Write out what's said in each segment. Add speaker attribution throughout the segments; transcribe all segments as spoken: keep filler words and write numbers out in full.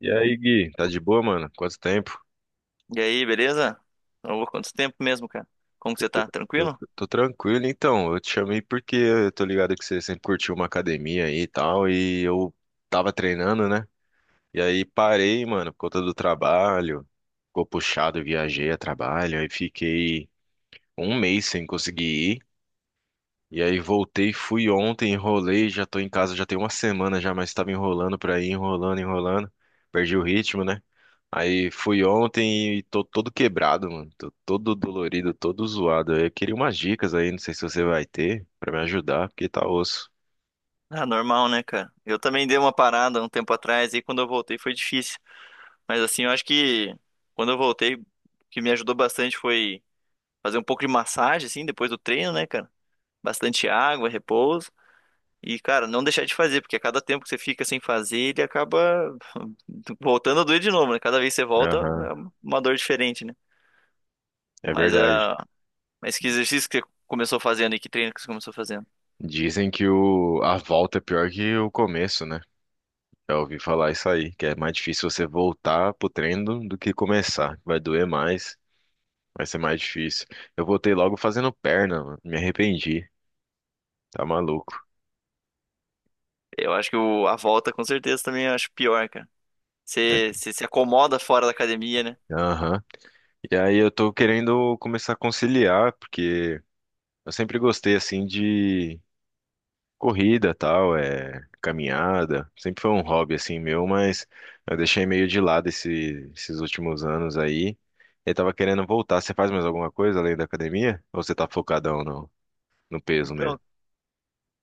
Speaker 1: E aí, Gui, tá de boa, mano? Quanto tempo?
Speaker 2: E aí, beleza? Ô, quanto tempo mesmo, cara? Como que você tá?
Speaker 1: Tô,
Speaker 2: Tranquilo?
Speaker 1: tô tranquilo, então. Eu te chamei porque eu tô ligado que você sempre curtiu uma academia aí e tal, e eu tava treinando, né? E aí parei, mano, por conta do trabalho. Ficou puxado, viajei a trabalho, aí fiquei um mês sem conseguir ir. E aí voltei, fui ontem, enrolei, já tô em casa já tem uma semana já, mas tava enrolando pra ir, enrolando, enrolando. Perdi o ritmo, né? Aí fui ontem e tô todo quebrado, mano. Tô todo dolorido, todo zoado. Eu queria umas dicas aí, não sei se você vai ter pra me ajudar, porque tá osso.
Speaker 2: Ah, normal, né, cara? Eu também dei uma parada um tempo atrás e quando eu voltei foi difícil. Mas assim, eu acho que quando eu voltei, o que me ajudou bastante foi fazer um pouco de massagem, assim, depois do treino, né, cara? Bastante água, repouso. E, cara, não deixar de fazer, porque a cada tempo que você fica sem fazer, ele acaba voltando a doer de novo, né? Cada vez que você volta,
Speaker 1: Aham,
Speaker 2: é uma dor diferente, né?
Speaker 1: é
Speaker 2: Mas,
Speaker 1: verdade.
Speaker 2: ah, mas que exercício que você começou fazendo e que treino que você começou fazendo?
Speaker 1: Dizem que o, a volta é pior que o começo, né? Já ouvi falar isso aí, que é mais difícil você voltar pro treino do do que começar. Vai doer mais. Vai ser mais difícil. Eu voltei logo fazendo perna, mano. Me arrependi. Tá maluco.
Speaker 2: Eu acho que o- a volta com certeza também eu acho pior, cara.
Speaker 1: É.
Speaker 2: Você você se acomoda fora da academia, né?
Speaker 1: Aham. E aí eu tô querendo começar a conciliar, porque eu sempre gostei, assim, de corrida, tal, é, caminhada. Sempre foi um hobby, assim, meu, mas eu deixei meio de lado esse- esses últimos anos aí. Eu tava querendo voltar. Você faz mais alguma coisa além da academia? Ou você tá focadão no, no peso
Speaker 2: Então,
Speaker 1: mesmo?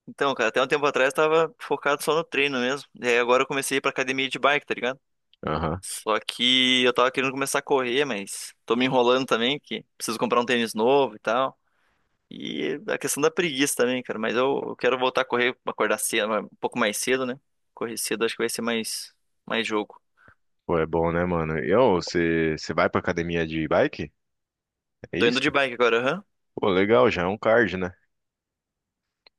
Speaker 2: então, cara, até um tempo atrás eu tava focado só no treino mesmo. E aí agora eu comecei a ir pra academia de bike, tá ligado?
Speaker 1: Aham.
Speaker 2: Só que eu tava querendo começar a correr, mas tô me enrolando também, que preciso comprar um tênis novo e tal. E a questão da preguiça também, cara. Mas eu, eu quero voltar a correr, acordar cedo, um pouco mais cedo, né? Correr cedo acho que vai ser mais, mais jogo.
Speaker 1: Pô, é bom, né, mano? E, ô, você, você vai pra academia de bike? É
Speaker 2: Tô indo de
Speaker 1: isso?
Speaker 2: bike agora, aham.
Speaker 1: Pô, legal, já é um card, né?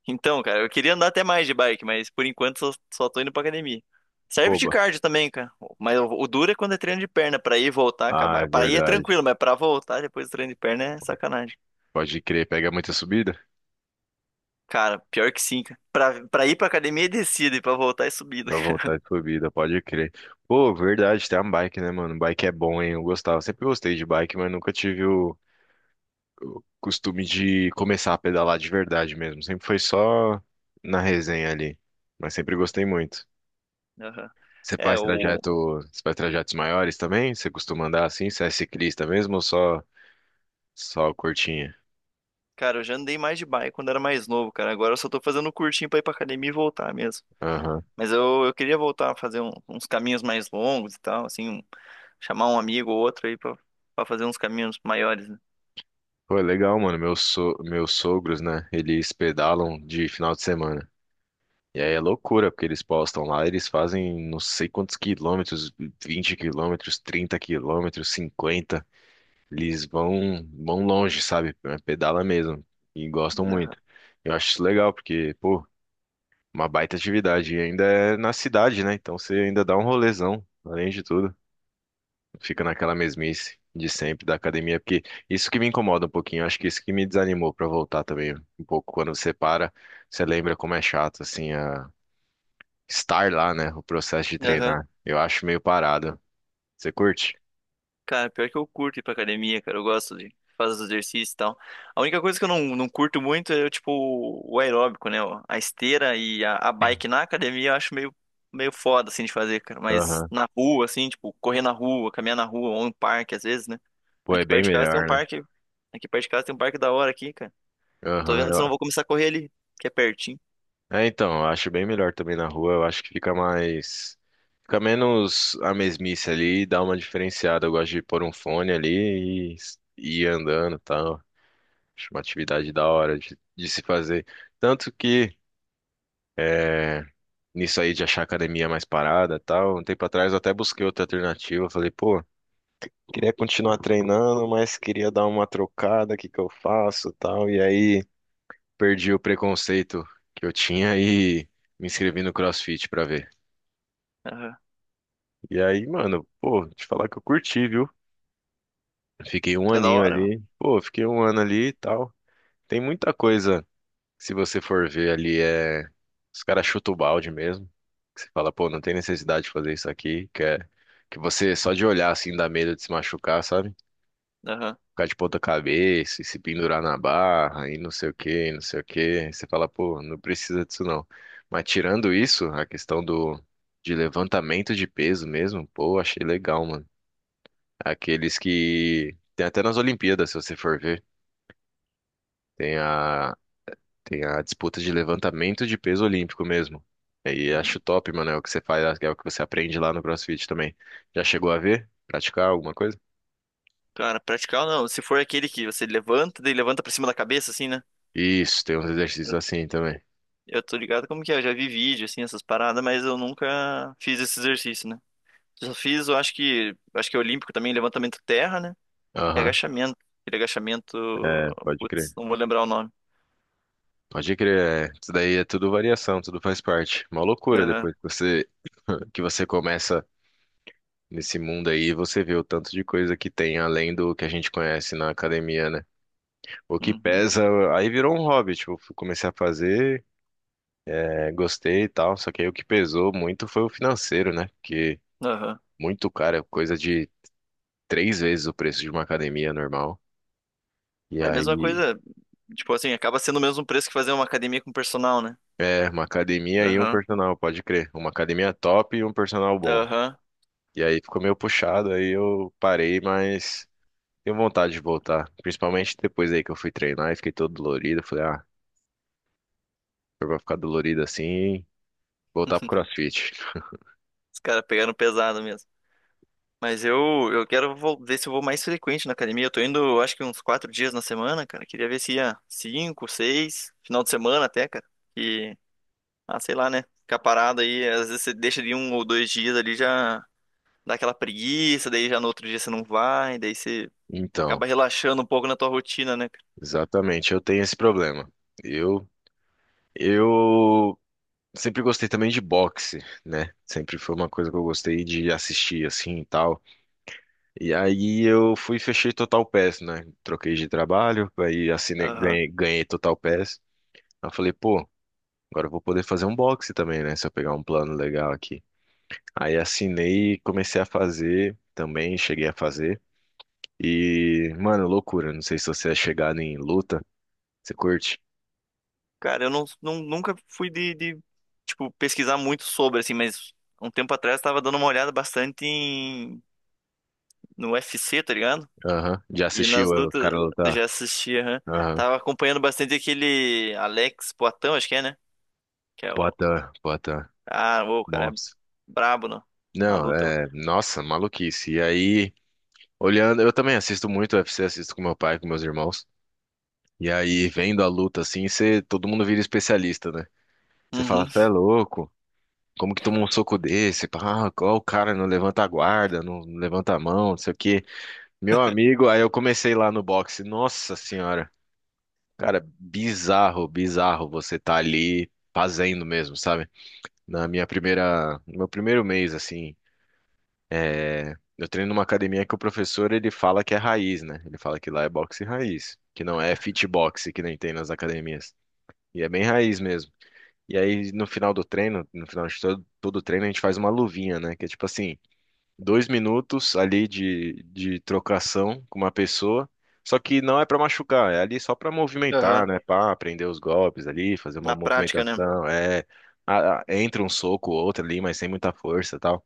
Speaker 2: Então, cara, eu queria andar até mais de bike, mas por enquanto só, só tô indo pra academia. Serve de
Speaker 1: Boba.
Speaker 2: cardio também, cara. Mas o, o duro é quando é treino de perna, pra ir e voltar,
Speaker 1: Ah, é
Speaker 2: acabar. Pra ir é
Speaker 1: verdade.
Speaker 2: tranquilo, mas pra voltar depois do treino de perna é sacanagem.
Speaker 1: Pode crer, pega muita subida
Speaker 2: Cara, pior que sim, cara. Pra, pra ir pra academia é descida e pra voltar é subida.
Speaker 1: pra voltar de subida, pode crer. Pô, verdade, tem uma bike, né, mano? Bike é bom, hein? Eu gostava. Sempre gostei de bike, mas nunca tive o costume de começar a pedalar de verdade mesmo. Sempre foi só na resenha ali. Mas sempre gostei muito.
Speaker 2: Aham.
Speaker 1: Você
Speaker 2: É,
Speaker 1: faz
Speaker 2: o.
Speaker 1: trajeto, você faz trajetos maiores também? Você costuma andar assim? Você é ciclista mesmo ou só, só curtinha?
Speaker 2: Cara, eu já andei mais de bike quando era mais novo, cara. Agora eu só tô fazendo um curtinho pra ir pra academia e voltar mesmo.
Speaker 1: Aham.
Speaker 2: Mas eu, eu queria voltar a fazer um- uns caminhos mais longos e tal, assim, um- chamar um amigo ou outro aí pra, pra fazer uns caminhos maiores, né?
Speaker 1: Pô, é legal, mano. Meus, so... Meus sogros, né? Eles pedalam de final de semana. E aí é loucura, porque eles postam lá, eles fazem não sei quantos quilômetros, vinte quilômetros, trinta quilômetros, cinquenta. Eles vão, vão longe, sabe? É, pedala mesmo. E gostam
Speaker 2: Aham.
Speaker 1: muito. Eu acho isso legal, porque, pô, uma baita atividade. E ainda é na cidade, né? Então você ainda dá um rolezão, além de tudo. Fica naquela mesmice de sempre da academia, porque isso que me incomoda um pouquinho, acho que isso que me desanimou pra voltar também um pouco. Quando você para, você lembra como é chato, assim, a... estar lá, né? O processo de
Speaker 2: Aham.
Speaker 1: treinar. Eu acho meio parado. Você curte?
Speaker 2: Cara, pior que eu curto ir pra academia, cara. Eu gosto de fazer os exercícios e tal. A única coisa que eu não, não curto muito é, tipo, o aeróbico, né? Ó. A esteira e a, a bike na academia eu acho meio, meio foda, assim, de fazer, cara. Mas
Speaker 1: Aham.
Speaker 2: na rua, assim, tipo, correr na rua, caminhar na rua, ou em parque, às vezes, né?
Speaker 1: Pô, é
Speaker 2: Aqui
Speaker 1: bem
Speaker 2: perto de casa tem um
Speaker 1: melhor, né?
Speaker 2: parque. Aqui perto de casa tem um parque da hora aqui, cara. Tô
Speaker 1: Aham.
Speaker 2: vendo se eu
Speaker 1: eu-
Speaker 2: não vou começar a correr ali, que é pertinho.
Speaker 1: É, então, eu acho bem melhor também na rua, eu acho que fica mais. Fica menos a mesmice ali, dá uma diferenciada. Eu gosto de pôr um fone ali e e ir andando e tal. Acho uma atividade da hora de, de se fazer. Tanto que, é, nisso aí de achar academia mais parada e tal, um tempo atrás eu até busquei outra alternativa. Falei, pô, queria continuar treinando, mas queria dar uma trocada, o que que eu faço e tal. E aí perdi o preconceito que eu tinha e me inscrevi no CrossFit pra ver.
Speaker 2: Aham.
Speaker 1: E aí, mano, pô, te falar que eu curti, viu? Fiquei um
Speaker 2: É da
Speaker 1: aninho
Speaker 2: hora, mano.
Speaker 1: ali. Pô, fiquei um ano ali e tal. Tem muita coisa. Se você for ver ali, é. Os caras chutam o balde mesmo. Que você fala, pô, não tem necessidade de fazer isso aqui. Que é. Que você só de olhar assim dá medo de se machucar, sabe?
Speaker 2: Aham.
Speaker 1: Ficar de ponta cabeça e se pendurar na barra e não sei o que, não sei o que. Você fala, pô, não precisa disso não. Mas tirando isso, a questão do, de levantamento de peso mesmo, pô, achei legal, mano. Aqueles que. Tem até nas Olimpíadas, se você for ver. Tem a Tem a disputa de levantamento de peso olímpico mesmo. E aí
Speaker 2: Uhum.
Speaker 1: acho top, mano, é o que você faz, é o que você aprende lá no CrossFit também. Já chegou a ver? Praticar alguma coisa?
Speaker 2: Cara, praticar ou não. Se for aquele que você levanta, daí levanta pra cima da cabeça, assim, né?
Speaker 1: Isso, tem uns exercícios assim também.
Speaker 2: Eu tô ligado como que é, eu já vi vídeo, assim, essas paradas, mas eu nunca fiz esse exercício, né? Só fiz, eu acho que, acho que é olímpico também, levantamento terra, né? E
Speaker 1: Aham,
Speaker 2: agachamento. Aquele agachamento,
Speaker 1: é, pode
Speaker 2: putz,
Speaker 1: crer.
Speaker 2: não vou lembrar o nome.
Speaker 1: Pode crer, é. Isso daí é tudo variação, tudo faz parte. Uma loucura
Speaker 2: Aham,
Speaker 1: depois que você que você começa nesse mundo aí, você vê o tanto de coisa que tem além do que a gente conhece na academia, né? O que
Speaker 2: uhum,
Speaker 1: pesa, aí virou um hobby, tipo, eu comecei a fazer. É, gostei e tal, só que aí o que pesou muito foi o financeiro, né? Porque
Speaker 2: aham.
Speaker 1: muito caro, é coisa de três vezes o preço de uma academia normal. E
Speaker 2: É a mesma
Speaker 1: aí,
Speaker 2: coisa, tipo assim, acaba sendo o mesmo preço que fazer uma academia com personal, né?
Speaker 1: é, uma academia e um
Speaker 2: Aham,
Speaker 1: personal, pode crer. Uma academia top e um personal bom.
Speaker 2: aham.
Speaker 1: E aí ficou meio puxado, aí eu parei, mas tenho vontade de voltar. Principalmente depois aí que eu fui treinar e fiquei todo dolorido. Falei, ah, se eu vou ficar dolorido assim, voltar pro CrossFit.
Speaker 2: Os caras pegaram pesado. Mas eu, eu quero vol- ver se eu vou mais frequente na academia. Eu tô indo, eu acho que uns quatro dias na semana, cara. Queria ver se ia cinco, seis, final de semana até, cara. E, ah, sei lá, né? Ficar parado aí, às vezes você deixa de um ou dois dias ali, já dá aquela preguiça, daí já no outro dia você não vai, daí você
Speaker 1: Então,
Speaker 2: acaba relaxando um pouco na tua rotina, né, cara?
Speaker 1: exatamente, eu tenho esse problema. Eu Eu sempre gostei também de boxe, né? Sempre foi uma coisa que eu gostei de assistir assim e tal. E aí eu fui e fechei Total Pass, né? Troquei de trabalho, aí assinei,
Speaker 2: Aham.
Speaker 1: ganhei, ganhei Total Pass. Aí eu falei, pô, agora eu vou poder fazer um boxe também, né? Se eu pegar um plano legal aqui. Aí assinei e comecei a fazer também, cheguei a fazer. E, mano, loucura. Não sei se você é chegado em luta. Você curte?
Speaker 2: Cara, eu não, não- nunca fui de, de, tipo, pesquisar muito sobre, assim, mas um tempo atrás eu tava dando uma olhada bastante em, no U F C, tá ligado?
Speaker 1: Aham. Já
Speaker 2: E
Speaker 1: assistiu
Speaker 2: nas
Speaker 1: o
Speaker 2: lutas
Speaker 1: cara lutar?
Speaker 2: já assisti, aham.
Speaker 1: Aham.
Speaker 2: Tava acompanhando bastante aquele Alex Poatan, acho que é, né? Que é o.
Speaker 1: Pota, pota.
Speaker 2: Ah, ô, o cara
Speaker 1: Bom.
Speaker 2: é brabo no- na
Speaker 1: Não,
Speaker 2: luta, mano.
Speaker 1: é, nossa, maluquice. E aí, olhando, eu também assisto muito U F C, assisto com meu pai, com meus irmãos. E aí, vendo a luta assim, você, todo mundo vira especialista, né? Você fala,
Speaker 2: Uhum.
Speaker 1: você é louco? Como que toma um soco desse? Ah, qual o cara não levanta a guarda, não não levanta a mão, não sei o quê. Meu amigo, aí eu comecei lá no boxe. Nossa senhora, cara, bizarro, bizarro você tá ali fazendo mesmo, sabe? Na minha primeira, no meu primeiro mês assim. É, eu treino numa academia que o professor ele fala que é raiz, né? Ele fala que lá é boxe raiz, que não é fitbox que nem tem nas academias. E é bem raiz mesmo. E aí no final do treino, no final de todo, todo o treino, a gente faz uma luvinha, né? Que é tipo assim, dois minutos ali de, de trocação com uma pessoa. Só que não é pra machucar, é ali só pra movimentar,
Speaker 2: Aham.
Speaker 1: né? Pra aprender os golpes ali, fazer uma
Speaker 2: Na prática, né?
Speaker 1: movimentação. É, a- a- entra um soco ou outro ali, mas sem muita força, e tal.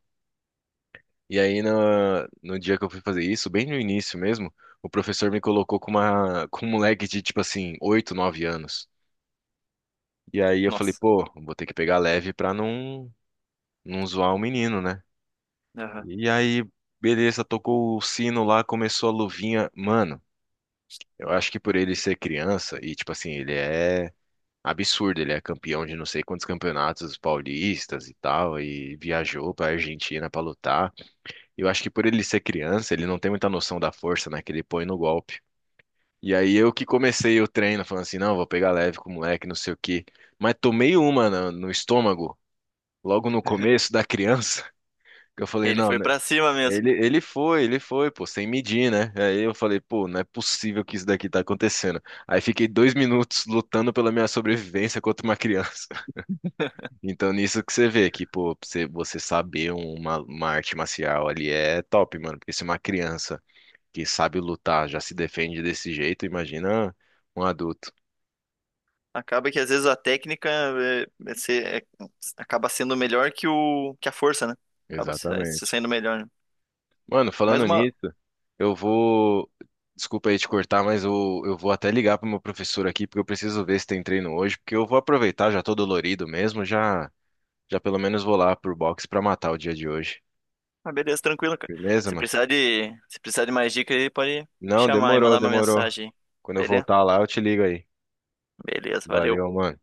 Speaker 1: E aí, no, no dia que eu fui fazer isso, bem no início mesmo, o professor me colocou com uma, com um moleque de, tipo assim, oito nove anos. E aí eu falei,
Speaker 2: Nossa.
Speaker 1: pô, vou ter que pegar leve pra não, não zoar o menino, né?
Speaker 2: Aham.
Speaker 1: E aí, beleza, tocou o sino lá, começou a luvinha. Mano, eu acho que por ele ser criança, e tipo assim, ele é absurdo, ele é campeão de não sei quantos campeonatos paulistas e tal, e viajou pra Argentina pra lutar. Eu acho que por ele ser criança, ele não tem muita noção da força, né, que ele põe no golpe. E aí eu que comecei o treino falando assim, não, vou pegar leve com o moleque, não sei o quê. Mas tomei uma na- no, estômago, logo no começo da criança, que eu falei,
Speaker 2: Ele
Speaker 1: não,
Speaker 2: foi
Speaker 1: né,
Speaker 2: pra cima mesmo.
Speaker 1: ele, ele foi, ele foi, pô, sem medir, né? Aí eu falei, pô, não é possível que isso daqui tá acontecendo. Aí fiquei dois minutos lutando pela minha sobrevivência contra uma criança. Então nisso que você vê que, pô, você, você saber uma, uma arte marcial ali é top, mano, porque se uma criança que sabe lutar, já se defende desse jeito, imagina um adulto.
Speaker 2: Acaba que às vezes a técnica é, é ser- é- acaba sendo melhor que o que a força, né? Acaba se, se
Speaker 1: Exatamente.
Speaker 2: saindo melhor, né?
Speaker 1: Mano,
Speaker 2: Mas
Speaker 1: falando
Speaker 2: uma,
Speaker 1: nisso, eu vou. Desculpa aí te cortar, mas eu, eu vou até ligar pro meu professor aqui, porque eu preciso ver se tem treino hoje, porque eu vou aproveitar, já tô dolorido mesmo, já, já pelo menos vou lá pro box pra matar o dia de hoje.
Speaker 2: uma beleza tranquila, cara.
Speaker 1: Beleza,
Speaker 2: Se
Speaker 1: mano?
Speaker 2: precisar de, se precisar de mais dicas aí, pode
Speaker 1: Não,
Speaker 2: chamar e
Speaker 1: demorou,
Speaker 2: mandar uma
Speaker 1: demorou.
Speaker 2: mensagem aí.
Speaker 1: Quando eu
Speaker 2: Beleza?
Speaker 1: voltar lá, eu te ligo aí.
Speaker 2: Beleza, valeu.
Speaker 1: Valeu, mano.